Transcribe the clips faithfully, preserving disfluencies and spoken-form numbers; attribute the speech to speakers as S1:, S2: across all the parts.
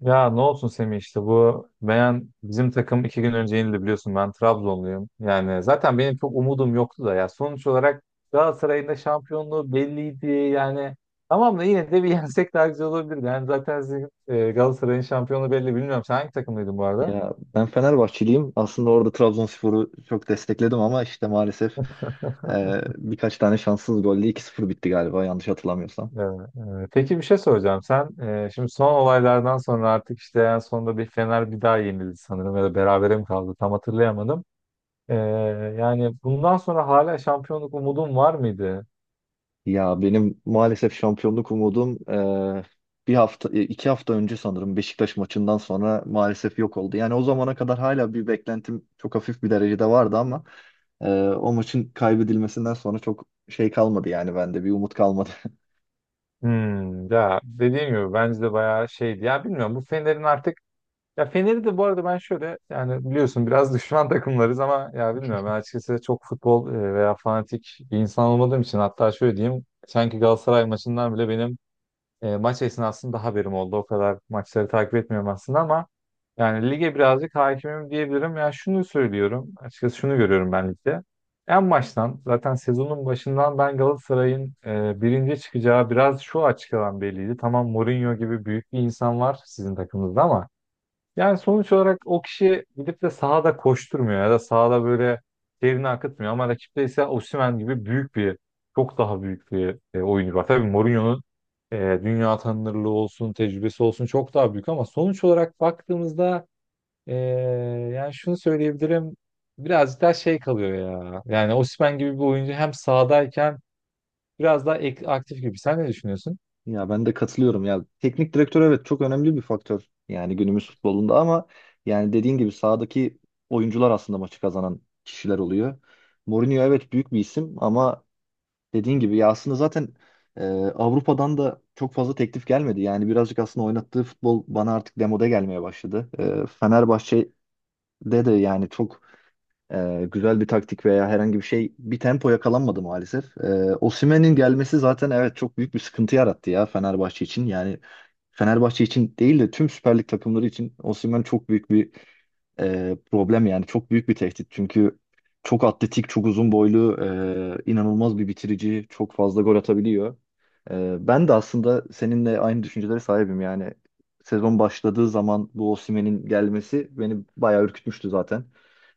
S1: Ya ne olsun Semih, işte bu Meyan bizim takım iki gün önce yenildi, biliyorsun ben Trabzonluyum. Yani zaten benim çok umudum yoktu da, ya sonuç olarak Galatasaray'ın da şampiyonluğu belliydi yani. Tamam da yine de bir yensek daha güzel olabilirdi. Yani zaten sizin, e, Galatasaray'ın şampiyonluğu belli, bilmiyorum. Sen hangi takımlıydın bu arada?
S2: Ya ben Fenerbahçeliyim. Aslında orada Trabzonspor'u çok destekledim ama işte maalesef e, birkaç tane şanssız golle iki sıfır bitti galiba yanlış hatırlamıyorsam.
S1: Ee, e, peki, bir şey soracağım. Sen e, şimdi son olaylardan sonra artık işte en sonunda bir Fener bir daha yenildi sanırım ya da berabere mi kaldı, tam hatırlayamadım. Ee, Yani bundan sonra hala şampiyonluk umudun var mıydı?
S2: Ya benim maalesef şampiyonluk umudum e, bir hafta e, iki hafta önce sanırım Beşiktaş maçından sonra maalesef yok oldu. Yani o zamana kadar hala bir beklentim çok hafif bir derecede vardı ama e, o maçın kaybedilmesinden sonra çok şey kalmadı yani bende bir umut kalmadı.
S1: Hmm, ya dediğim gibi bence de bayağı şeydi. Ya bilmiyorum bu Fener'in artık, ya Fener'i de bu arada ben şöyle, yani biliyorsun biraz düşman takımlarız ama ya bilmiyorum, ben açıkçası çok futbol e, veya fanatik bir insan olmadığım için, hatta şöyle diyeyim, sanki Galatasaray maçından bile benim e, maç esnasında haberim oldu. O kadar maçları takip etmiyorum aslında ama yani lige birazcık hakimim diyebilirim. Ya şunu söylüyorum. Açıkçası şunu görüyorum ben ligde. En baştan zaten, sezonun başından, ben Galatasaray'ın e, birinci çıkacağı biraz şu açıdan belliydi. Tamam, Mourinho gibi büyük bir insan var sizin takımınızda ama yani sonuç olarak o kişi gidip de sahada koşturmuyor ya da sahada böyle terini akıtmıyor, ama rakipte ise Osimhen gibi büyük bir çok daha büyük bir e, oyuncu var. Tabii Mourinho'nun e, dünya tanınırlığı olsun, tecrübesi olsun çok daha büyük ama sonuç olarak baktığımızda e, yani şunu söyleyebilirim, birazcık daha şey kalıyor ya. Yani Osimhen gibi bir oyuncu hem sahadayken biraz daha ek- aktif gibi. Sen ne düşünüyorsun?
S2: Ya ben de katılıyorum ya. Teknik direktör evet çok önemli bir faktör yani günümüz futbolunda ama yani dediğin gibi sahadaki oyuncular aslında maçı kazanan kişiler oluyor. Mourinho evet büyük bir isim ama dediğin gibi ya aslında zaten e, Avrupa'dan da çok fazla teklif gelmedi. Yani birazcık aslında oynattığı futbol bana artık demode gelmeye başladı. E, Fenerbahçe'de de yani çok ee, güzel bir taktik veya herhangi bir şey bir tempo yakalanmadı maalesef. Ee, Osimhen'in gelmesi zaten evet çok büyük bir sıkıntı yarattı ya Fenerbahçe için. Yani Fenerbahçe için değil de tüm Süper Lig takımları için Osimhen çok büyük bir e, problem yani çok büyük bir tehdit. Çünkü çok atletik, çok uzun boylu, e, inanılmaz bir bitirici, çok fazla gol atabiliyor. E, ben de aslında seninle aynı düşüncelere sahibim yani. Sezon başladığı zaman bu Osimhen'in gelmesi beni bayağı ürkütmüştü zaten.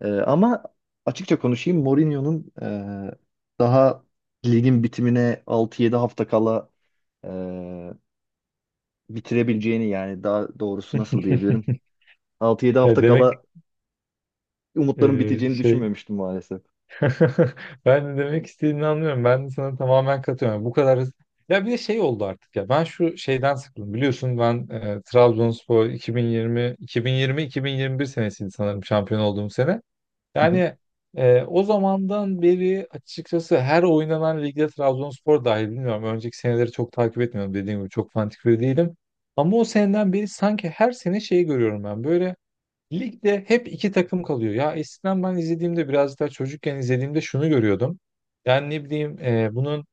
S2: Ee, ama açıkça konuşayım Mourinho'nun e, daha ligin bitimine altı yedi hafta kala e, bitirebileceğini yani daha doğrusu nasıl diyebilirim? Altı yedi
S1: Ya
S2: hafta
S1: demek
S2: kala
S1: e,
S2: umutların biteceğini
S1: şey...
S2: düşünmemiştim maalesef.
S1: Ben de demek istediğini anlıyorum. Ben de sana tamamen katılıyorum. Bu kadar hızlı. Ya bir de şey oldu artık ya. Ben şu şeyden sıkıldım. Biliyorsun ben e, Trabzonspor 2020 2020 iki bin yirmi bir senesiydi sanırım şampiyon olduğum sene.
S2: Hı hı.
S1: Yani e, o zamandan beri açıkçası her oynanan ligde, Trabzonspor dahil, bilmiyorum. Önceki seneleri çok takip etmiyorum. Dediğim gibi çok fanatik biri değilim. Ama o seneden beri sanki her sene şeyi görüyorum ben. Böyle ligde hep iki takım kalıyor. Ya eskiden ben izlediğimde, biraz daha çocukken izlediğimde, şunu görüyordum. Yani ne bileyim e, bunun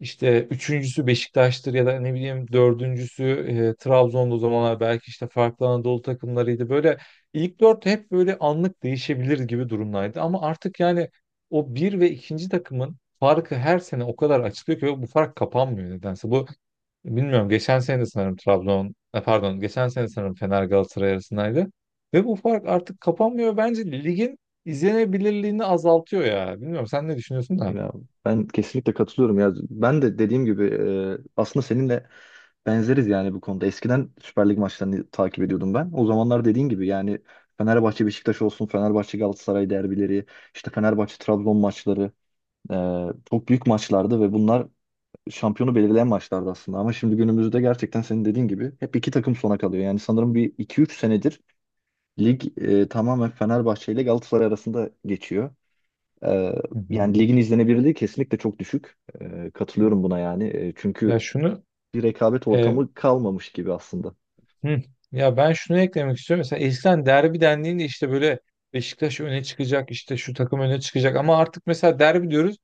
S1: işte üçüncüsü Beşiktaş'tır ya da ne bileyim dördüncüsü e, Trabzon'da, o zamanlar belki işte farklı Anadolu takımlarıydı. Böyle ilk dört hep böyle anlık değişebilir gibi durumdaydı. Ama artık yani o bir ve ikinci takımın farkı her sene o kadar açılıyor ki, ve bu fark kapanmıyor nedense. Bu, bilmiyorum, geçen sene de sanırım Trabzon e, pardon geçen sene sanırım Fener Galatasaray arasındaydı. Ve bu fark artık kapanmıyor. Bence ligin izlenebilirliğini azaltıyor ya. Bilmiyorum, sen ne düşünüyorsun da.
S2: Ya ben kesinlikle katılıyorum ya. Ben de dediğim gibi e, aslında seninle benzeriz yani bu konuda. Eskiden Süper Lig maçlarını takip ediyordum ben. O zamanlar dediğin gibi yani Fenerbahçe Beşiktaş olsun, Fenerbahçe Galatasaray derbileri, işte Fenerbahçe Trabzon maçları. Ee, çok büyük maçlardı ve bunlar şampiyonu belirleyen maçlardı aslında. Ama şimdi günümüzde gerçekten senin dediğin gibi hep iki takım sona kalıyor. Yani sanırım bir iki üç senedir lig e, tamamen Fenerbahçe ile Galatasaray arasında geçiyor. Ee,
S1: Hı hı.
S2: Yani ligin izlenebilirliği kesinlikle çok düşük. Ee, katılıyorum buna yani. Ee,
S1: Ya
S2: çünkü
S1: şunu
S2: bir rekabet
S1: e,
S2: ortamı kalmamış gibi aslında.
S1: hı, Ya ben şunu eklemek istiyorum. Mesela eskiden derbi dendiğinde işte böyle Beşiktaş öne çıkacak, işte şu takım öne çıkacak, ama artık mesela derbi diyoruz.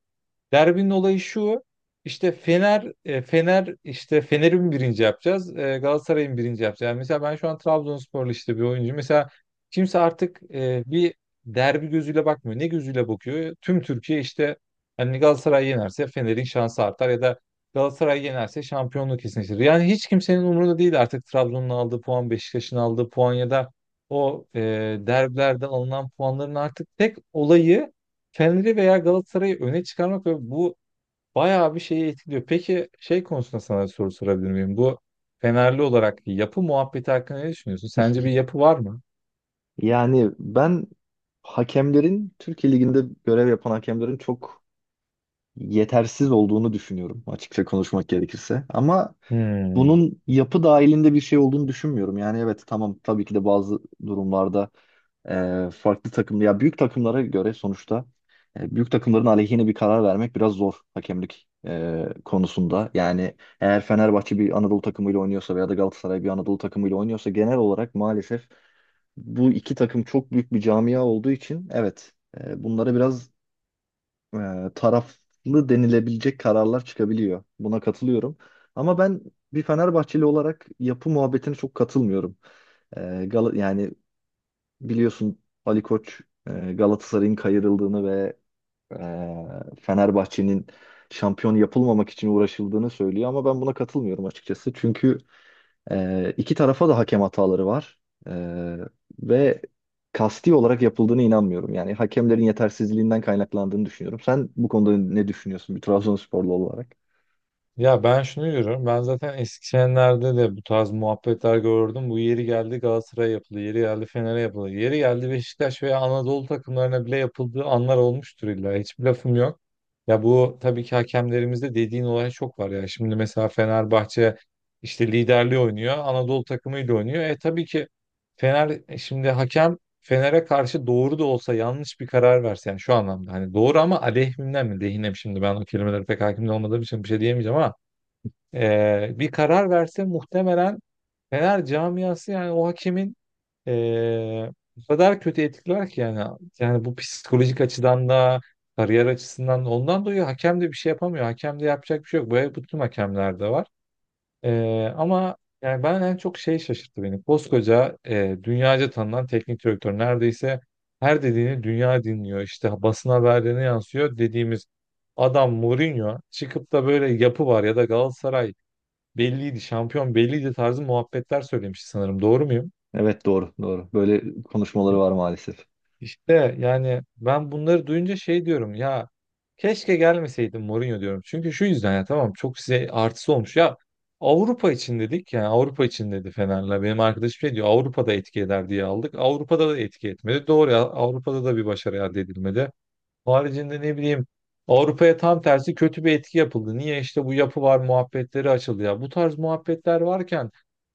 S1: Derbinin olayı şu. İşte Fener, e, Fener işte Fener'i mi birinci yapacağız, e, Galatasaray'ı mı birinci yapacağız? Yani mesela ben şu an Trabzonsporlu işte bir oyuncu. Mesela kimse artık e, bir derbi gözüyle bakmıyor. Ne gözüyle bakıyor? Tüm Türkiye işte hani Galatasaray yenerse Fener'in şansı artar ya da Galatasaray yenerse şampiyonluk kesinleşir. Yani hiç kimsenin umurunda değil artık Trabzon'un aldığı puan, Beşiktaş'ın aldığı puan ya da o e, derbilerde alınan puanların artık tek olayı Fener'i veya Galatasaray'ı öne çıkarmak, ve bu bayağı bir şeyi etkiliyor. Peki şey konusunda sana soru sorabilir miyim? Bu, Fenerli olarak, yapı muhabbeti hakkında ne düşünüyorsun? Sence bir yapı var mı?
S2: Yani ben hakemlerin Türkiye Ligi'nde görev yapan hakemlerin çok yetersiz olduğunu düşünüyorum açıkça konuşmak gerekirse. Ama
S1: Hmm.
S2: bunun yapı dahilinde bir şey olduğunu düşünmüyorum. Yani evet tamam tabii ki de bazı durumlarda e, farklı takım ya büyük takımlara göre sonuçta e, büyük takımların aleyhine bir karar vermek biraz zor hakemlik e, konusunda. Yani eğer Fenerbahçe bir Anadolu takımıyla oynuyorsa veya da Galatasaray bir Anadolu takımıyla oynuyorsa genel olarak maalesef bu iki takım çok büyük bir camia olduğu için evet e, bunlara biraz e, taraflı denilebilecek kararlar çıkabiliyor. Buna katılıyorum. Ama ben bir Fenerbahçeli olarak yapı muhabbetine çok katılmıyorum. E, Gal- yani biliyorsun Ali Koç e, Galatasaray'ın kayırıldığını ve e, Fenerbahçe'nin şampiyon yapılmamak için uğraşıldığını söylüyor ama ben buna katılmıyorum açıkçası. Çünkü ee, iki tarafa da hakem hataları var. Ee, Ve kasti olarak yapıldığına inanmıyorum. Yani hakemlerin yetersizliğinden kaynaklandığını düşünüyorum. Sen bu konuda ne düşünüyorsun bir Trabzonsporlu olarak?
S1: Ya ben şunu diyorum. Ben zaten Eskişehir'lerde de bu tarz muhabbetler gördüm. Bu yeri geldi Galatasaray'a yapıldı. Yeri geldi Fener'e yapıldı. Yeri geldi Beşiktaş veya Anadolu takımlarına bile yapıldığı anlar olmuştur illa. Hiçbir lafım yok. Ya bu tabii ki, hakemlerimizde dediğin olay çok var ya. Şimdi mesela Fenerbahçe işte liderliği oynuyor. Anadolu takımıyla oynuyor. E tabii ki, Fener e şimdi hakem Fener'e karşı doğru da olsa yanlış bir karar verse, yani şu anlamda, hani doğru ama aleyhimden mi lehine mi, şimdi ben o kelimelere pek hakim olmadığım için bir şey diyemeyeceğim, ama e, bir karar verse muhtemelen Fener camiası, yani o hakemin e, o kadar kötü etkiler ki, yani yani bu psikolojik açıdan da kariyer açısından da ondan dolayı hakem de bir şey yapamıyor. Hakem de yapacak bir şey yok. Böyle bütün hakemlerde var. Ee, ama yani ben en çok şey şaşırttı beni. Koskoca e, dünyaca tanınan teknik direktör, neredeyse her dediğini dünya dinliyor. İşte basın haberlerine yansıyor dediğimiz adam Mourinho çıkıp da böyle yapı var ya da Galatasaray belliydi, şampiyon belliydi tarzı muhabbetler söylemiş sanırım. Doğru muyum?
S2: Evet doğru doğru. Böyle konuşmaları var maalesef.
S1: İşte yani ben bunları duyunca şey diyorum ya, keşke gelmeseydim Mourinho diyorum. Çünkü şu yüzden, ya tamam çok size artısı olmuş. Ya Avrupa için dedik, yani Avrupa için dedi Fener'le. Benim arkadaşım şey diyor, Avrupa'da etki eder diye aldık. Avrupa'da da etki etmedi. Doğru, ya Avrupa'da da bir başarı elde edilmedi. Haricinde ne bileyim, Avrupa'ya tam tersi kötü bir etki yapıldı. Niye? İşte bu yapı var muhabbetleri açıldı ya. Bu tarz muhabbetler varken,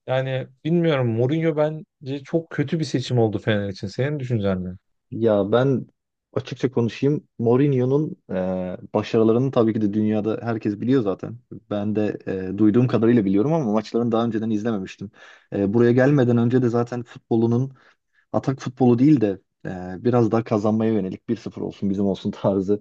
S1: yani bilmiyorum, Mourinho bence çok kötü bir seçim oldu Fener için. Senin düşüncen ne?
S2: Ya ben açıkça konuşayım. Mourinho'nun e, başarılarını tabii ki de dünyada herkes biliyor zaten. Ben de e, duyduğum kadarıyla biliyorum ama maçlarını daha önceden izlememiştim. E, buraya gelmeden önce de zaten futbolunun atak futbolu değil de e, biraz daha kazanmaya yönelik bir sıfır olsun bizim olsun tarzı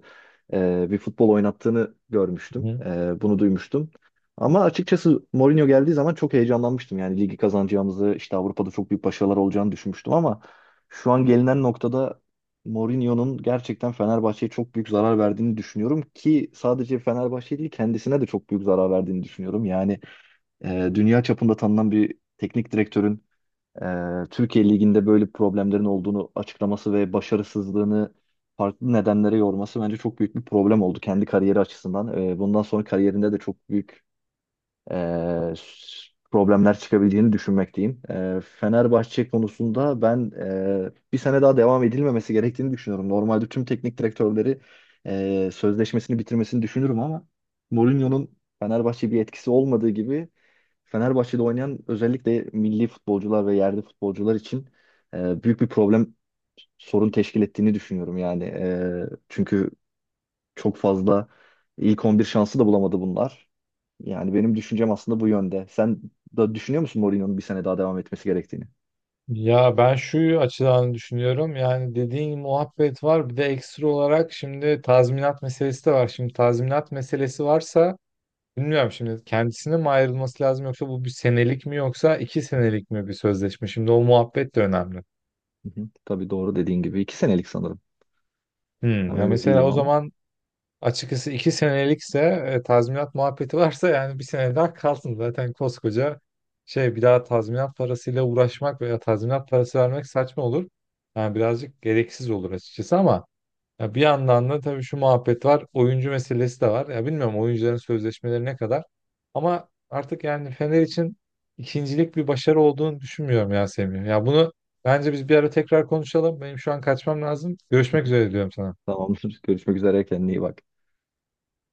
S2: e, bir futbol oynattığını görmüştüm.
S1: Hı.
S2: E, bunu duymuştum. Ama açıkçası Mourinho geldiği zaman çok heyecanlanmıştım. Yani ligi kazanacağımızı, işte Avrupa'da çok büyük başarılar olacağını düşünmüştüm ama şu an gelinen noktada Mourinho'nun gerçekten Fenerbahçe'ye çok büyük zarar verdiğini düşünüyorum ki sadece Fenerbahçe değil kendisine de çok büyük zarar verdiğini düşünüyorum. Yani e, dünya çapında tanınan bir teknik direktörün e, Türkiye Ligi'nde böyle problemlerin olduğunu açıklaması ve başarısızlığını farklı nedenlere yorması bence çok büyük bir problem oldu kendi kariyeri açısından. E, bundan sonra kariyerinde de çok büyük e, s- problemler çıkabileceğini düşünmekteyim. E, Fenerbahçe konusunda ben e, bir sene daha devam edilmemesi gerektiğini düşünüyorum. Normalde tüm teknik direktörleri e, sözleşmesini bitirmesini düşünürüm ama Mourinho'nun Fenerbahçe bir etkisi olmadığı gibi Fenerbahçe'de oynayan özellikle milli futbolcular ve yerli futbolcular için e, büyük bir problem sorun teşkil ettiğini düşünüyorum yani. E, çünkü çok fazla ilk on bir şansı da bulamadı bunlar. Yani benim düşüncem aslında bu yönde. Sen da düşünüyor musun Mourinho'nun bir sene daha devam etmesi gerektiğini?
S1: Ya ben şu açıdan düşünüyorum. Yani dediğin muhabbet var. Bir de ekstra olarak şimdi tazminat meselesi de var. Şimdi tazminat meselesi varsa, bilmiyorum, şimdi kendisine mi ayrılması lazım, yoksa bu bir senelik mi yoksa iki senelik mi bir sözleşme? Şimdi o muhabbet de önemli.
S2: Hı hı. Tabii doğru dediğin gibi. İki senelik sanırım.
S1: Hmm,
S2: Tam
S1: ya
S2: emin
S1: mesela
S2: değilim
S1: o
S2: ama.
S1: zaman açıkçası iki senelikse, e, tazminat muhabbeti varsa, yani bir sene daha kalsın. Zaten koskoca şey, bir daha tazminat parasıyla uğraşmak veya tazminat parası vermek saçma olur. Yani birazcık gereksiz olur açıkçası ama ya, bir yandan da tabii şu muhabbet var. Oyuncu meselesi de var. Ya bilmiyorum oyuncuların sözleşmeleri ne kadar. Ama artık yani Fener için ikincilik bir başarı olduğunu düşünmüyorum ya Semih. Ya bunu bence biz bir ara tekrar konuşalım. Benim şu an kaçmam lazım. Görüşmek üzere diyorum sana.
S2: Tamamdır. Görüşmek üzere. Kendine iyi bak.